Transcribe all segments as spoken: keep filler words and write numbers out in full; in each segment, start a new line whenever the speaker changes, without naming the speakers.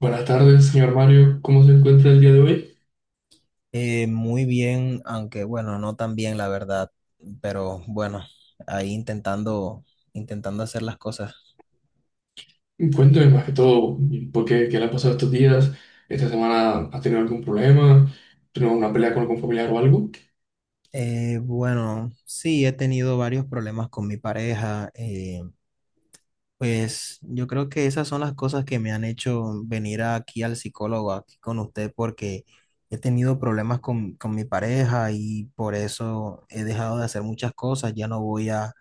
Buenas tardes, señor Mario. ¿Cómo se encuentra el día de hoy?
Eh, muy bien, aunque bueno, no tan bien la verdad, pero bueno, ahí intentando, intentando hacer las cosas.
Cuénteme más que todo, ¿por qué, qué le ha pasado estos días? ¿Esta semana ha tenido algún problema? ¿Tuvo una pelea con algún familiar o algo?
Eh, bueno, sí, he tenido varios problemas con mi pareja. Eh, pues yo creo que esas son las cosas que me han hecho venir aquí al psicólogo, aquí con usted, porque he tenido problemas con, con mi pareja y por eso he dejado de hacer muchas cosas. Ya no voy a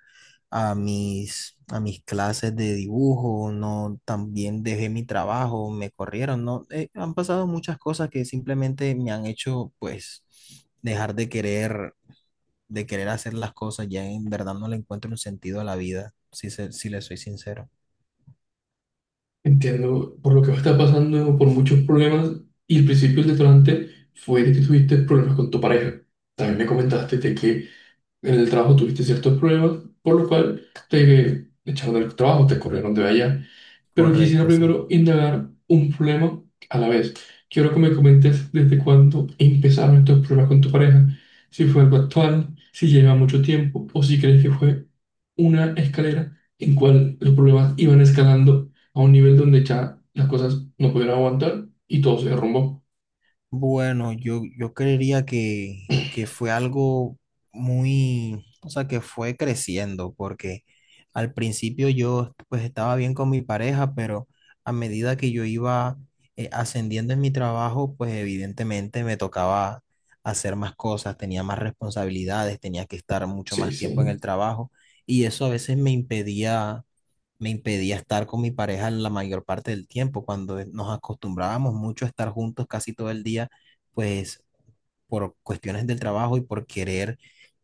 a mis, a mis clases de dibujo, no, también dejé mi trabajo, me corrieron, no. Eh, han pasado muchas cosas que simplemente me han hecho, pues, dejar de querer, de querer hacer las cosas, ya en verdad no le encuentro un sentido a la vida, si se, si le soy sincero.
Entiendo por lo que está pasando, por muchos problemas, y el principio del detonante fue de que tuviste problemas con tu pareja. También me comentaste de que en el trabajo tuviste ciertos problemas, por lo cual te echaron del trabajo, te corrieron de allá. Pero quisiera
Correcto, sí.
primero indagar un problema a la vez. Quiero que me comentes desde cuándo empezaron estos problemas con tu pareja, si fue algo actual, si lleva mucho tiempo o si crees que fue una escalera en cual los problemas iban escalando a un nivel donde ya las cosas no pudieron aguantar y todo se derrumbó.
Bueno, yo, yo creería que, que fue algo muy, o sea, que fue creciendo, porque al principio yo pues estaba bien con mi pareja, pero a medida que yo iba eh, ascendiendo en mi trabajo, pues evidentemente me tocaba hacer más cosas, tenía más responsabilidades, tenía que estar mucho
Sí,
más tiempo en el
sí.
trabajo y eso a veces me impedía me impedía estar con mi pareja la mayor parte del tiempo. Cuando nos acostumbrábamos mucho a estar juntos casi todo el día, pues por cuestiones del trabajo y por querer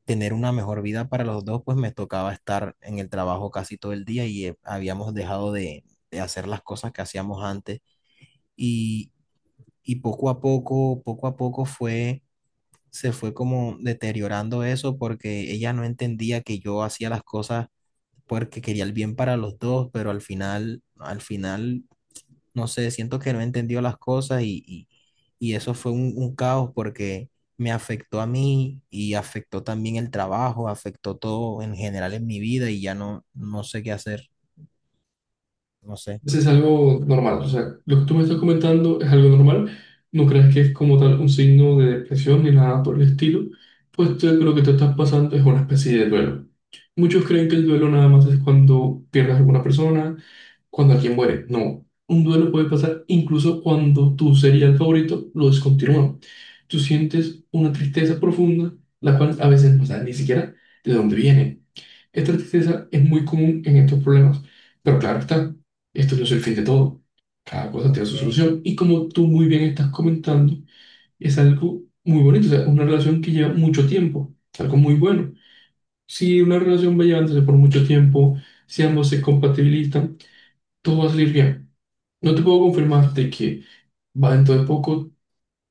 tener una mejor vida para los dos, pues me tocaba estar en el trabajo casi todo el día y eh, habíamos dejado de, de hacer las cosas que hacíamos antes. Y, y poco a poco, poco a poco fue, se fue como deteriorando eso porque ella no entendía que yo hacía las cosas porque quería el bien para los dos, pero al final, al final, no sé, siento que no entendió las cosas y, y- y eso fue un, un caos porque me afectó a mí y afectó también el trabajo, afectó todo en general en mi vida y ya no, no sé qué hacer, no sé.
Eso es algo normal. O sea, lo que tú me estás comentando es algo normal. No creas que es como tal un signo de depresión ni nada por el estilo, pues tú- lo que te estás pasando es una especie de duelo. Muchos creen que el duelo nada más es cuando pierdes a alguna persona, cuando alguien muere. No, un duelo puede pasar incluso cuando tu serial favorito lo descontinúa. Tú sientes una tristeza profunda, la cual a veces no sabes ni siquiera de dónde viene. Esta tristeza es muy común en estos problemas, pero claro está, esto no es el fin de todo. Cada cosa tiene
Ok,
su solución y como tú muy bien estás comentando, es algo muy bonito, o sea, una relación que lleva mucho tiempo, es algo muy bueno. Si una relación va llevándose por mucho tiempo, si ambos se compatibilizan, todo va a salir bien. No te puedo confirmar de que va dentro de poco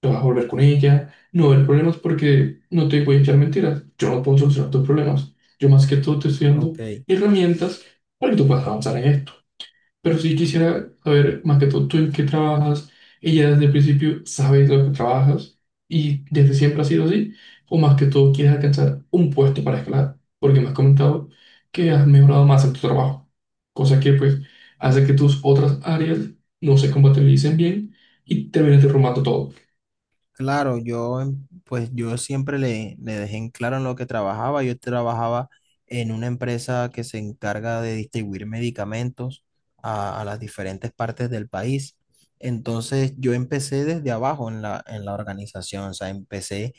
te vas a volver con ella, no va a haber problemas porque no te voy a echar mentiras, yo no puedo solucionar tus problemas, yo más que todo te estoy dando
ok.
herramientas para que tú puedas avanzar en esto. Pero sí quisiera saber más que todo tú en qué trabajas, ella desde el principio sabe lo que trabajas y desde siempre ha sido así, o más que todo quieres alcanzar un puesto para escalar, porque me has comentado que has mejorado más en tu trabajo, cosa que pues hace que tus otras áreas no se compatibilicen bien y termines derrumbando todo.
Claro, yo em- pues yo siempre le, le dejé en claro en lo que trabajaba. Yo trabajaba en una empresa que se encarga de distribuir medicamentos a, a las diferentes partes del país. Entonces yo empecé desde abajo en la, en la organización, o sea, empecé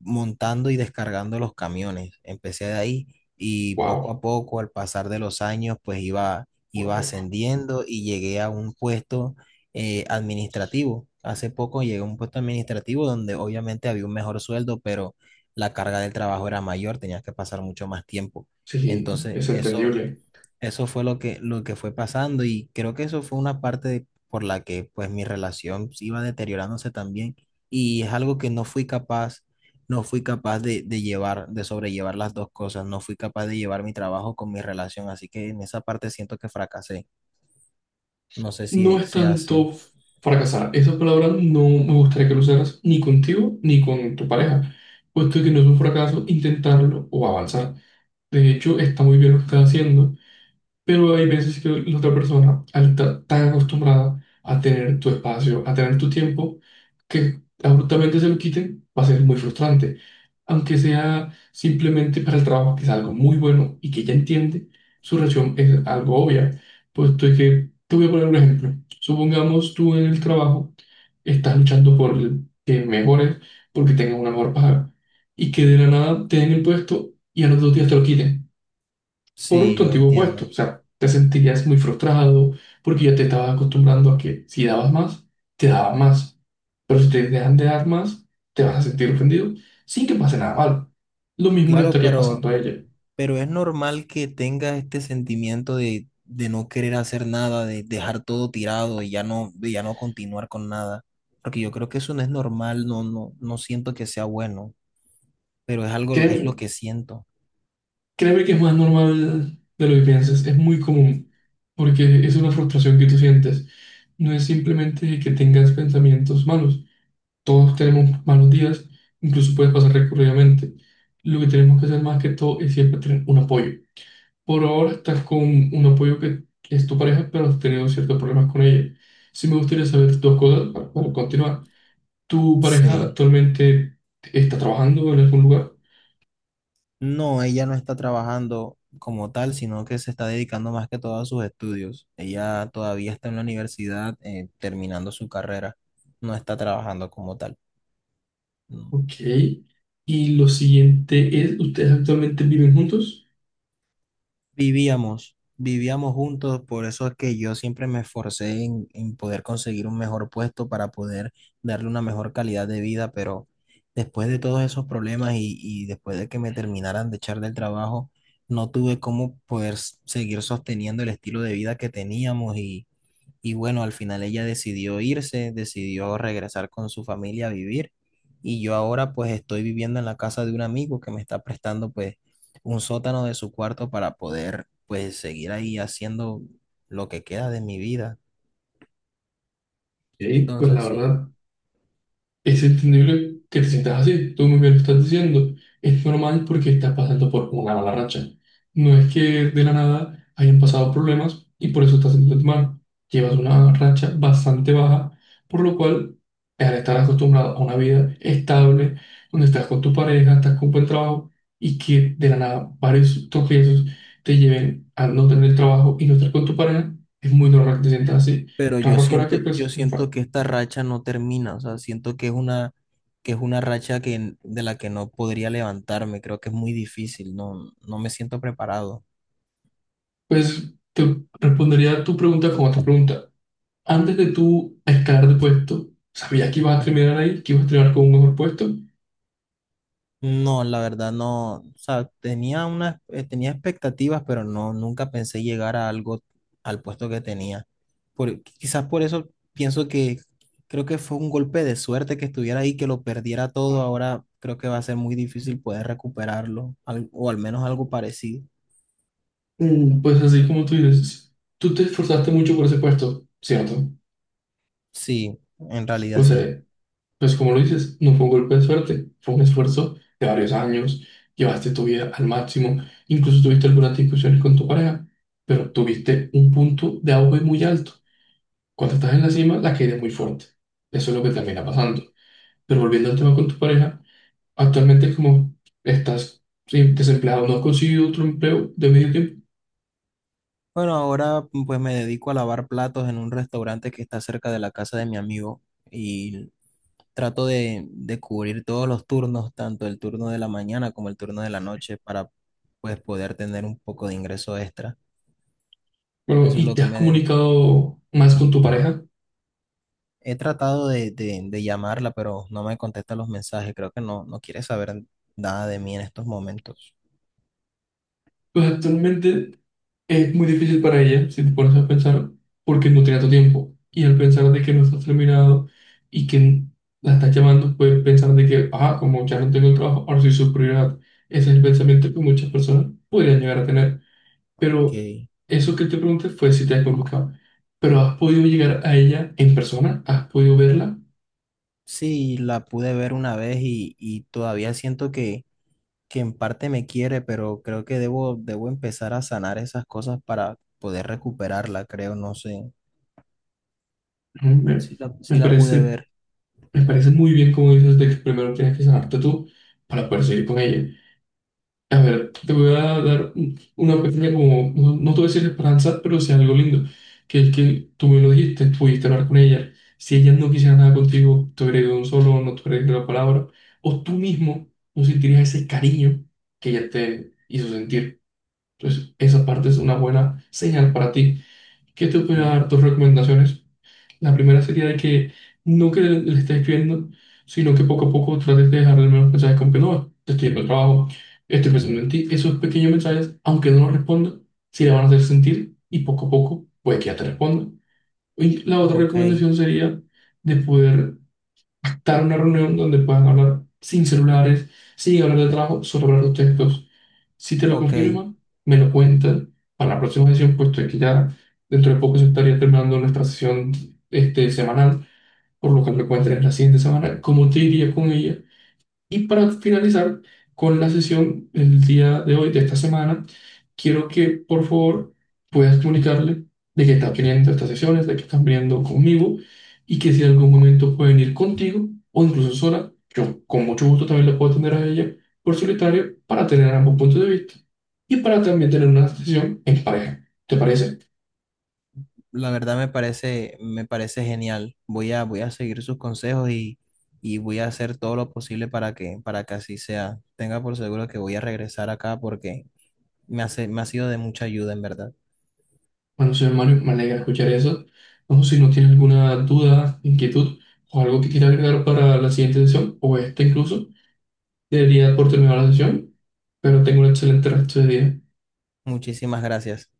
montando y descargando los camiones. Empecé de ahí y poco
Wow.
a poco, al pasar de los años, pues iba, iba
Wow.
ascendiendo y llegué a un puesto eh, administrativo. Hace poco llegué a un puesto administrativo donde obviamente había un mejor sueldo, pero la carga del trabajo era mayor, tenías que pasar mucho más tiempo.
Sí,
Entonces,
es
eso
entendible.
eso fue lo que, lo que fue pasando y creo que eso fue una parte de- por la que pues mi relación se iba deteriorándose también y es algo que no fui capaz, no fui capaz de, de llevar, de sobrellevar las dos cosas, no fui capaz de llevar mi trabajo con mi relación, así que en esa parte siento que fracasé. No sé si
No es
sea así.
tanto f- fracasar. Esa palabra no me gustaría que lo usaras ni contigo ni con tu pareja, puesto que no es un fracaso intentarlo o avanzar. De hecho, está muy bien lo que estás haciendo. Pero hay veces que la otra persona, al estar tan acostumbrada a tener tu espacio, a tener tu tiempo, que abruptamente se lo quiten, va a ser muy frustrante. Aunque sea simplemente para el trabajo, que es algo muy bueno y que ella entiende, su reacción es algo obvia. Puesto que te voy a poner un ejemplo. Supongamos tú en el trabajo estás luchando por el- que mejores, porque tengas una mejor paga, y que de la nada te den el puesto y a los dos días te lo quiten por
Sí,
tu
lo
antiguo puesto.
entiendo.
O sea, te sentirías muy frustrado porque ya te estabas acostumbrando a que si dabas más, te daban más. Pero si te dejan de dar más, te vas a sentir ofendido sin que pase nada malo. Lo mismo le
Claro,
estaría
pero...
pasando a ella.
Pero es normal que tengas este sentimiento de, de no querer hacer nada, de dejar todo tirado y ya no, de ya no continuar con nada. Porque yo creo que eso no es normal, no, no, no siento que sea bueno, pero es algo, es lo
Créeme,
que siento.
créeme que es más normal de lo que piensas, es muy común, porque es una frustración que tú sientes. No es simplemente que tengas pensamientos malos. Todos tenemos malos días, incluso puede pasar recurridamente. Lo que tenemos que hacer más que todo es siempre tener un apoyo. Por ahora estás con un apoyo que, que es tu pareja, pero has tenido ciertos problemas con ella. Sí me gustaría saber dos cosas pa- para continuar. ¿Tu pareja
Sí.
actualmente está trabajando en algún lugar?
No, ella no está trabajando como tal, sino que se está dedicando más que todo a sus estudios. Ella todavía está en la universidad, eh, terminando su carrera. No está trabajando como tal.
Ok. Y lo siguiente es, ¿ustedes actualmente viven juntos?
Vivíamos, vivíamos juntos, por eso es que yo siempre me esforcé en, en poder conseguir un mejor puesto para poder darle una mejor calidad de vida, pero después de todos esos problemas y, y después de que me terminaran de echar del trabajo, no tuve cómo poder s- seguir sosteniendo el estilo de vida que teníamos y y bueno, al final ella decidió irse, decidió regresar con su familia a vivir. Y yo ahora pues estoy viviendo en la casa de un amigo que me está prestando pues un sótano de su cuarto para poder pues seguir ahí haciendo lo que queda de mi vida.
Ok, pues la
Entonces sí,
verdad. Es entendible que te sientas así, tú muy bien lo estás diciendo, es normal porque estás pasando por una mala racha. No es que de la nada hayan pasado problemas y por eso estás sintiéndote mal. Llevas una racha bastante baja, por lo cual, al estar acostumbrado a una vida estable, donde estás con tu pareja, estás con buen trabajo y que de la nada varios tropiezos te lleven a no tener trabajo y no estar con tu pareja, es muy normal que te sientas así.
pero yo
Raro fuera que
siento, yo
pues.
siento que esta racha no termina, o sea, siento que es una, que es una racha que, de la que no podría levantarme, creo que es muy difícil, no, no me siento preparado.
Pues te respondería tu pregunta con otra pregunta. Antes de tú escalar de puesto, ¿sabías que ibas a terminar ahí, que ibas a terminar con un mejor puesto?
No, la verdad no, o sea, tenía una, eh, tenía expectativas, pero no, nunca pensé llegar a algo, al puesto que tenía. Por, quizás por eso pienso que creo que fue un golpe de suerte que estuviera ahí, que lo perdiera todo. Ahora creo que va a ser muy difícil poder recuperarlo, al- o al menos algo parecido.
Mm, pues así como tú dices, tú te esforzaste mucho por ese puesto, ¿cierto?
Sí, en realidad
Pues,
sí.
eh, pues como lo dices, no fue un golpe de suerte, fue un esfuerzo de varios años, llevaste tu vida al máximo, incluso tuviste algunas discusiones con tu pareja, pero tuviste un punto de auge muy alto. Cuando estás en la cima, la caída es muy fuerte. Eso es lo que termina pasando. Pero volviendo al tema con tu pareja, actualmente es como estás sí, desempleado, no has conseguido otro empleo de medio tiempo.
Bueno, ahora pues me dedico a lavar platos en un restaurante que está cerca de la casa de mi amigo y trato de, de cubrir todos los turnos, tanto el turno de la mañana como el turno de la noche, para pues poder tener un poco de ingreso extra.
Bueno,
Eso es
¿y
lo
te
que
has
me dedico.
comunicado más con tu pareja?
He tratado de, de- de llamarla, pero no me contesta los mensajes. Creo que no, no quiere saber nada de mí en estos momentos.
Pues actualmente es muy difícil para ella, si te pones a pensar, porque no tiene tu tiempo. Y al pensar de que no estás terminado y que la estás llamando, puedes pensar de que, ah, como ya no tengo el trabajo, ahora soy su prioridad. Ese es el pensamiento que muchas personas podrían llegar a tener. Pero
Que
eso que te pregunté fue si te has comunicado. Pero ¿has podido llegar a ella en persona? ¿Has podido verla?
sí, la pude ver una vez y, y todavía siento que que en parte me quiere, pero creo que debo, debo empezar a sanar esas cosas para poder recuperarla, creo, no sé.
Mm, Me,
Sí la,
me
sí la pude
parece,
ver,
me parece muy bien como dices de que primero tienes que sanarte tú para poder seguir con ella. A ver, te voy a dar un- una pequeña como, no, no te voy a decir esperanza, pero sí algo lindo, que es que tú me lo dijiste, pudiste hablar con ella. Si ella no quisiera nada contigo, te hubiera ido un solo, no te hubiera dicho la palabra, o tú mismo no sentirías ese cariño que ella te hizo sentir. Entonces, esa parte es una buena señal para ti. ¿Qué te voy a
sí.
dar dos recomendaciones? La primera sería de que no que le, le estés escribiendo, sino que poco a poco trates de dejarle al menos mensajes como que no, te estoy yendo al trabajo, estoy pensando en ti. Esos pequeños mensajes, aunque no los responda, sí le van a hacer sentir y poco a poco puede que ya te responda. Y la otra
Ok,
recomendación sería de poder dar una reunión donde puedan hablar sin celulares, sin hablar de trabajo, solo hablar de ustedes dos. Si te lo
ok.
confirman, me lo cuentan para la próxima sesión, puesto que ya dentro de poco se estaría terminando nuestra sesión este, semanal, por lo cual me pueden tener la siguiente semana, cómo te iría con ella. Y para finalizar con la sesión el día de hoy, de esta semana, quiero que por favor puedas comunicarle de que estás viniendo a estas sesiones, de que estás viniendo conmigo y que si en algún momento pueden ir contigo o incluso sola, yo con mucho gusto también la puedo atender a ella por solitario para tener ambos puntos de vista y para también tener una sesión en pareja. ¿Te parece?
La verdad me parece, me parece genial. Voy a, voy a seguir sus consejos y, y voy a hacer todo lo posible para que, para que así sea. Tenga por seguro que voy a regresar acá porque me hace, me ha sido de mucha ayuda, en verdad.
Bueno, señor Mario, me alegra escuchar eso. No si no tiene alguna duda, inquietud o algo que quiera agregar para la siguiente sesión o esta incluso. Debería por terminar la sesión, pero tengo un excelente resto de día.
Muchísimas gracias.